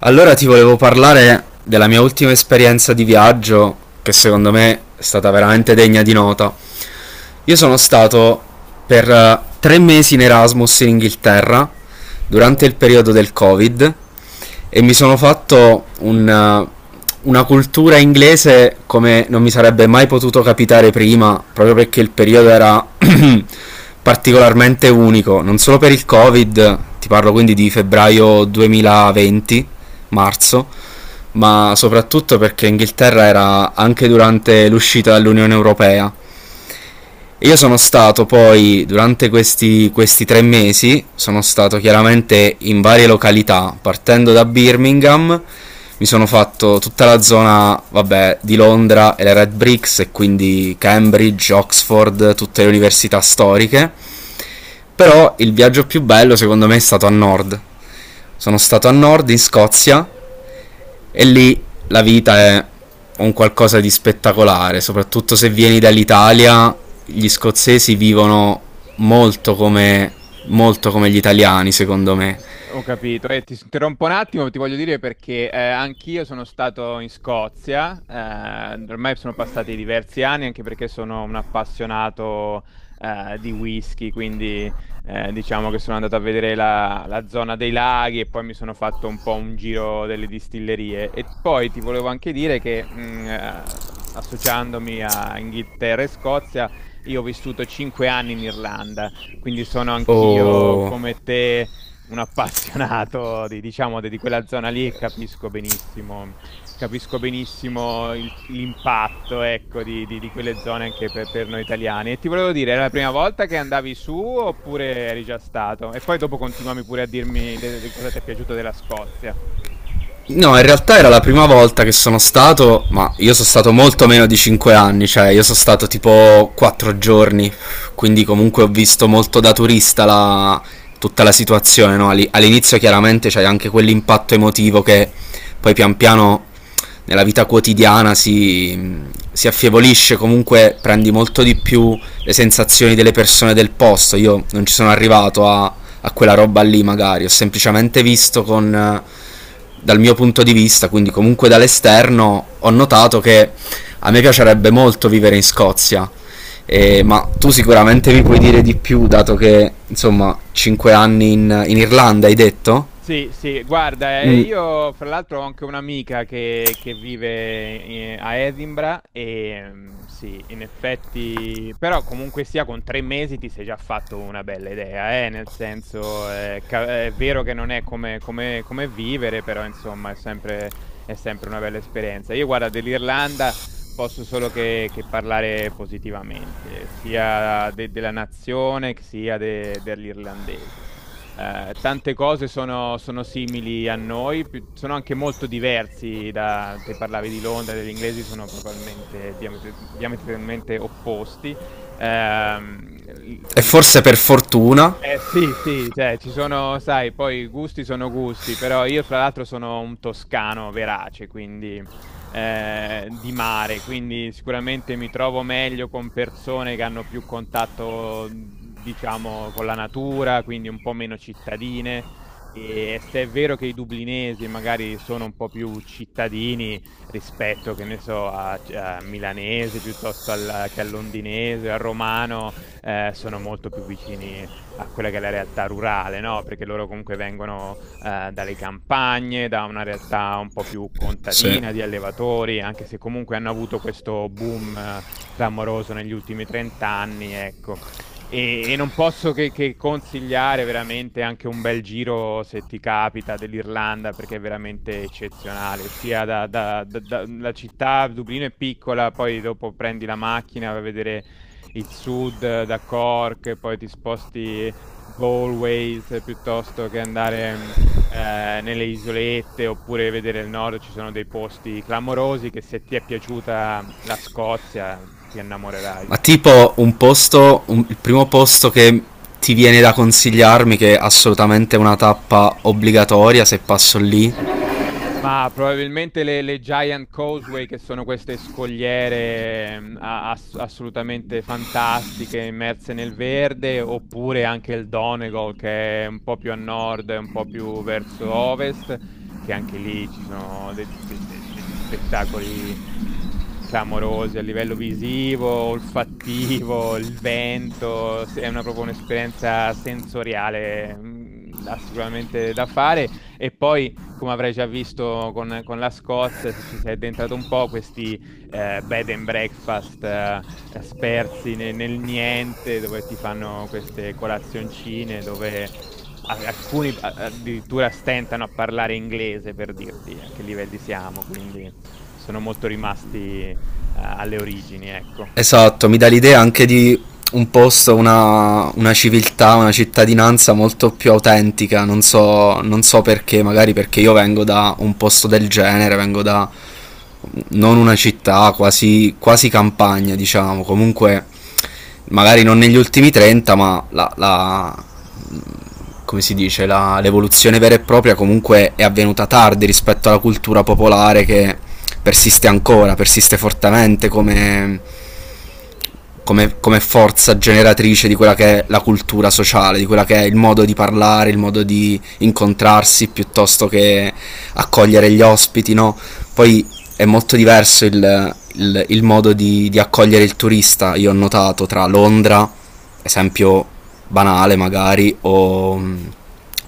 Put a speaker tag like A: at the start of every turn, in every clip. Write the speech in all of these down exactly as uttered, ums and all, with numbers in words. A: Allora ti volevo parlare della mia ultima esperienza di viaggio, che secondo me è stata veramente degna di nota. Io sono stato per eh, tre mesi in Erasmus in Inghilterra durante il periodo del Covid e mi sono fatto un, eh, una cultura inglese come non mi sarebbe mai potuto capitare prima, proprio perché il periodo era particolarmente unico, non solo per il Covid. Ti parlo quindi di febbraio duemilaventi, marzo, ma soprattutto perché Inghilterra era anche durante l'uscita dall'Unione Europea. Io sono stato poi, durante questi, questi tre mesi, sono stato chiaramente in varie località, partendo da Birmingham. Mi sono fatto tutta la zona, vabbè, di Londra e le Red Bricks, e quindi Cambridge, Oxford, tutte le università storiche. Però il viaggio più bello secondo me è stato a nord. Sono stato a nord in Scozia e lì la vita è un qualcosa di spettacolare, soprattutto se vieni dall'Italia. Gli scozzesi vivono molto come, molto come gli italiani, secondo me.
B: S- Ho capito. E ti interrompo un attimo, ti voglio dire perché eh, anch'io sono stato in Scozia, eh, ormai sono passati diversi anni, anche perché sono un appassionato eh, di whisky, quindi eh, diciamo che sono andato a vedere la, la zona dei laghi e poi mi sono fatto un po' un giro delle distillerie. E poi ti volevo anche dire che mh, eh, associandomi a Inghilterra e Scozia, io ho vissuto cinque anni in Irlanda, quindi sono anch'io
A: O
B: come te un appassionato di, diciamo, di di quella zona lì e capisco benissimo, capisco benissimo il- l'impatto, ecco, di, di- di quelle zone anche per, per noi italiani. E ti volevo dire, era la prima volta che andavi su oppure eri già stato? E poi dopo continuami pure a dirmi de- de- cosa ti è piaciuto della Scozia.
A: No, in realtà era la prima volta che sono stato, ma io sono stato molto meno di cinque anni, cioè io sono stato tipo quattro giorni, quindi comunque ho visto molto da turista la- tutta la situazione, no? Ali- All'inizio chiaramente c'è anche quell'impatto emotivo che poi pian piano nella vita quotidiana si, si affievolisce, comunque prendi molto di più le sensazioni delle persone del posto. Io non ci sono arrivato a a quella roba lì magari, ho semplicemente visto con eh, dal mio punto di vista, quindi comunque dall'esterno ho notato che a me piacerebbe molto vivere in Scozia. Eh, ma tu sicuramente mi puoi dire di più, dato che insomma cinque anni in, in Irlanda hai detto?
B: Sì, sì, guarda, eh,
A: Mm,
B: io fra l'altro ho anche un'amica che, che vive eh, a Edinburgh e mm, sì, in effetti, però comunque sia con tre mesi ti sei già fatto una bella idea, eh, nel senso eh, ca- è vero che non è come, come- come vivere, però insomma è sempre, è sempre una bella esperienza. Io guarda, dell'Irlanda posso solo che, che parlare positivamente, sia de- della nazione che sia de- degli irlandesi eh, tante cose sono, sono simili a noi, pi- sono anche molto diversi da... Te parlavi di Londra, degli inglesi sono probabilmente diametri- diametralmente opposti. Ehm,
A: e
B: sai,
A: forse per fortuna.
B: eh sì, sì, cioè ci sono, sai, poi i gusti sono gusti, però io fra l'altro sono un toscano verace, quindi eh, di mare, quindi sicuramente mi trovo meglio con persone che hanno più contatto, diciamo, con la natura, quindi un po' meno cittadine. E se è vero che i dublinesi magari sono un po' più cittadini rispetto, che ne so, a, a milanese piuttosto al- che al londinese, al romano, eh, sono molto più vicini a quella che è la realtà rurale, no? Perché loro comunque vengono eh, dalle campagne, da una realtà un po' più
A: Sì.
B: contadina di allevatori, anche se comunque hanno avuto questo boom eh, clamoroso negli ultimi trenta anni, ecco. E, e non posso che, che consigliare veramente anche un bel giro, se ti capita, dell'Irlanda, perché è veramente eccezionale. Sia da, da- da- da- la città, Dublino è piccola, poi dopo prendi la macchina a vedere il sud eh, da Cork, e poi ti sposti Galway se piuttosto che andare... mh, eh, nelle isolette oppure vedere il nord ci sono dei posti clamorosi che se ti è piaciuta la Scozia ti innamorerai.
A: Ma tipo un posto, un- il primo posto che ti viene da consigliarmi, che è assolutamente una tappa obbligatoria se passo lì.
B: Ma probabilmente le, le Giant Causeway, che sono queste scogliere mm, a- ass- assolutamente fantastiche, immerse nel verde, oppure anche il Donegal, che è un po' più a nord, un po' più verso ovest, che anche lì ci sono de- de- de- degli spettacoli mm, clamorosi a livello visivo, olfattivo, il vento, se- è una, proprio un'esperienza sensoriale, mm, da- sicuramente da fare. E poi come avrai già visto con, con la Scozia, se ti sei addentrato un po', questi eh, bed and breakfast eh, spersi ne- nel niente, dove ti fanno queste colazioncine, dove a- alcuni a- addirittura stentano a parlare inglese per dirti a che livelli siamo, quindi sono molto rimasti eh, alle origini, ecco.
A: Esatto, mi dà l'idea anche di un posto, una, una civiltà, una cittadinanza molto più autentica, non so, non so perché, magari perché io vengo da un posto del genere, vengo da non una città, quasi, quasi campagna, diciamo, comunque magari non negli ultimi trenta, ma la, la- come si dice, la- l'evoluzione vera e propria comunque è avvenuta tardi rispetto alla cultura popolare che persiste ancora, persiste fortemente come come, come forza generatrice di quella che è la cultura sociale, di quella che è il modo di parlare, il modo di incontrarsi piuttosto che accogliere gli ospiti, no? Poi è molto diverso il, il- il modo di, di accogliere il turista, io ho notato, tra Londra, esempio banale magari, o,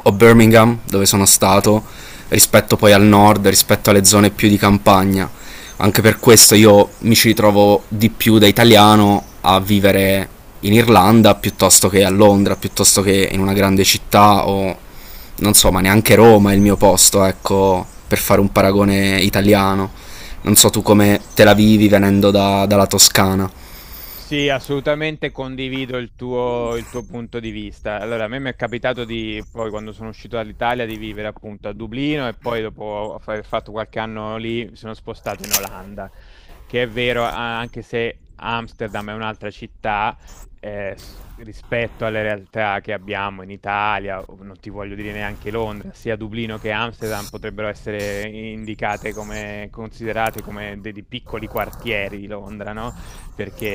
A: o Birmingham, dove sono stato, rispetto poi al nord, rispetto alle zone più di campagna. Anche per questo io mi ci ritrovo di più da italiano a vivere in Irlanda piuttosto che a Londra, piuttosto che in una grande città, o non so, ma neanche Roma è il mio posto, ecco, per fare un paragone italiano. Non so tu come te la vivi venendo da- dalla Toscana.
B: Sì, assolutamente condivido il tuo, il tuo punto di vista. Allora, a me mi è capitato di, poi quando sono uscito dall'Italia, di vivere appunto a Dublino e poi dopo aver fatto qualche anno lì mi sono spostato in Olanda, che è vero, a- anche se Amsterdam è un'altra città, eh, s- rispetto alle realtà che abbiamo in Italia, o non ti voglio dire neanche Londra, sia Dublino che Amsterdam potrebbero essere indicate come, considerate come dei dei piccoli quartieri di Londra, no?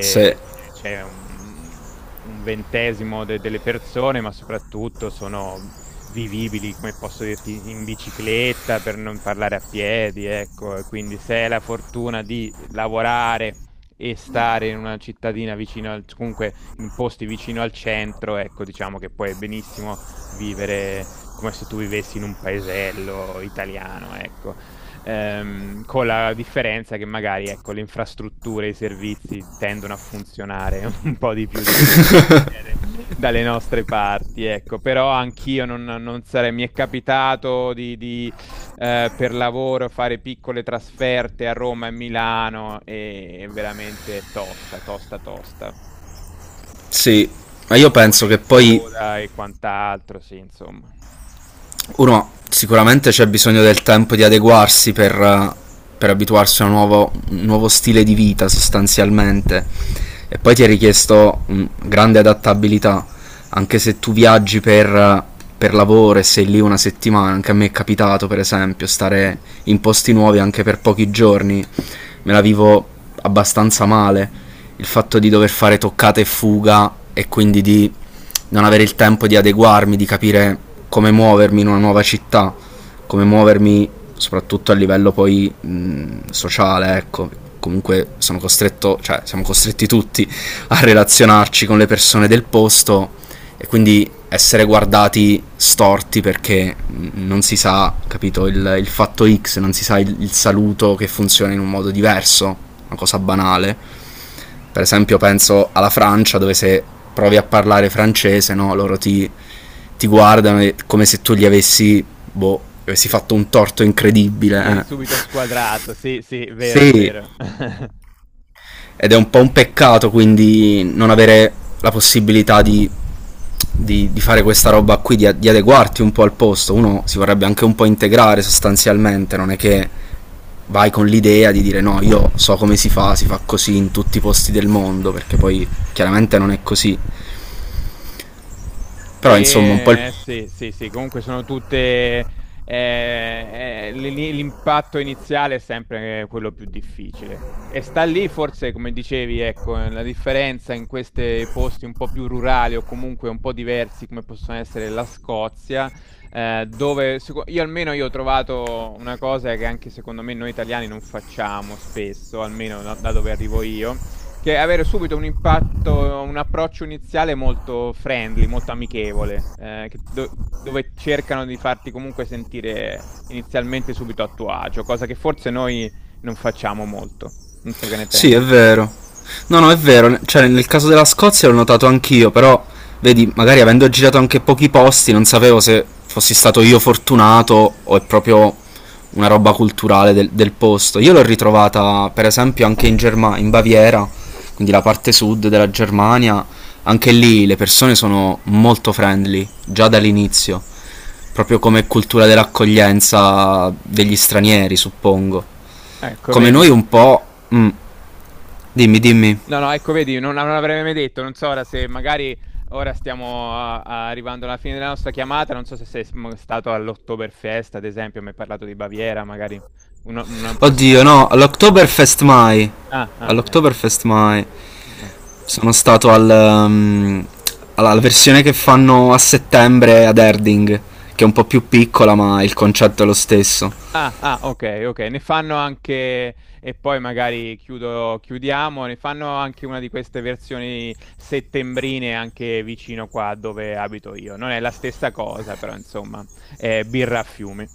A: Se,
B: c'è c'è un, un ventesimo de- delle persone, ma soprattutto sono vivibili, come posso dirti, in bicicletta, per non parlare a piedi, ecco. E quindi se hai la fortuna di lavorare e stare in una cittadina vicino al, comunque in posti vicino al centro, ecco, diciamo che puoi benissimo vivere come se tu vivessi in un paesello italiano, ecco. Ehm, con la differenza che magari, ecco, le infrastrutture e i servizi tendono a funzionare un po' di più di quello che succede dalle nostre parti, ecco. Però anch'io non, non sarei, mi è capitato di, di, eh, per lavoro fare piccole trasferte a Roma e Milano e è veramente tosta, tosta, tosta.
A: Sì, ma io penso
B: Ore
A: che
B: in
A: poi
B: coda e quant'altro, sì, insomma.
A: uno, sicuramente c'è bisogno del tempo di adeguarsi per, eh, per abituarsi a un nuovo, un nuovo stile di vita sostanzialmente, e poi ti è richiesto mm, grande adattabilità. Anche se tu viaggi per, eh, per lavoro e sei lì una settimana, anche a me è capitato per esempio stare in posti nuovi anche per pochi giorni, me la vivo abbastanza male il fatto di dover fare toccate e fuga e quindi di non avere il tempo di adeguarmi, di capire come muovermi in una nuova città, come muovermi soprattutto a livello poi mh, sociale, ecco. Comunque sono costretto, cioè siamo costretti tutti a relazionarci con le persone del posto e quindi essere guardati storti perché non si sa, capito, il, il fatto X, non si sa il, il saluto che funziona in un modo diverso, una cosa banale. Per esempio, penso alla Francia dove, se provi a parlare francese, no, loro ti, ti guardano e- come se tu gli avessi, boh, gli avessi fatto un torto incredibile.
B: Vieni subito
A: Eh.
B: squadrato, sì, sì, vero, è
A: Sì,
B: vero.
A: ed è un po' un peccato quindi non avere la possibilità di, di- di fare questa roba qui, di, di adeguarti un po' al posto. Uno si vorrebbe anche un po' integrare sostanzialmente, non è che vai con l'idea di dire no, io so come si fa, si fa così in tutti i posti del mondo, perché poi chiaramente non è così. Però insomma un po' il.
B: E eh, sì, sì, sì, comunque sono tutte... eh, eh, l- l- l'impatto iniziale è sempre quello più difficile. E sta lì forse, come dicevi, ecco, eh, la differenza in questi posti un po' più rurali o comunque un po' diversi, come possono essere la Scozia, eh, dove seco- io almeno io ho trovato una cosa che anche secondo me noi italiani non facciamo spesso, almeno da da dove arrivo io, che avere subito un impatto, un approccio iniziale molto friendly, molto amichevole, eh, che do- dove cercano di farti comunque sentire inizialmente subito a tuo agio, cosa che forse noi non facciamo molto. Non so che ne
A: Sì, è
B: pensi.
A: vero. No, no, è vero. Cioè, nel caso della Scozia l'ho notato anch'io, però, vedi, magari avendo girato anche pochi posti, non sapevo se fossi stato io fortunato o è proprio una roba culturale del, del posto. Io l'ho ritrovata, per esempio, anche in Germania, in Baviera, quindi la parte sud della Germania. Anche lì le persone sono molto friendly, già dall'inizio, proprio come cultura dell'accoglienza degli stranieri, suppongo.
B: Ecco,
A: Come noi
B: vedi.
A: un po'. mm, Dimmi, dimmi.
B: No, no, ecco, vedi, non, non l'avrei mai detto, non so ora se magari ora stiamo a- a- arrivando alla fine della nostra chiamata, non so se sei sm- stato all'Oktoberfest, ad esempio, mi hai parlato di Baviera, magari una, una
A: Oddio, no,
B: prossimamente... eh, eh.
A: all'Oktoberfest mai.
B: Ah, ah, ecco.
A: All'Oktoberfest mai.
B: Ah.
A: Sono stato al, ehm, alla alla versione che fanno a settembre ad Erding, che è un po' più piccola, ma il concetto è lo stesso.
B: Ah, ah, ok, ok, ne fanno anche, e poi magari chiudo, chiudiamo, ne fanno anche una di queste versioni settembrine anche vicino qua dove abito io. Non è la stessa cosa, però insomma, è birra a fiumi.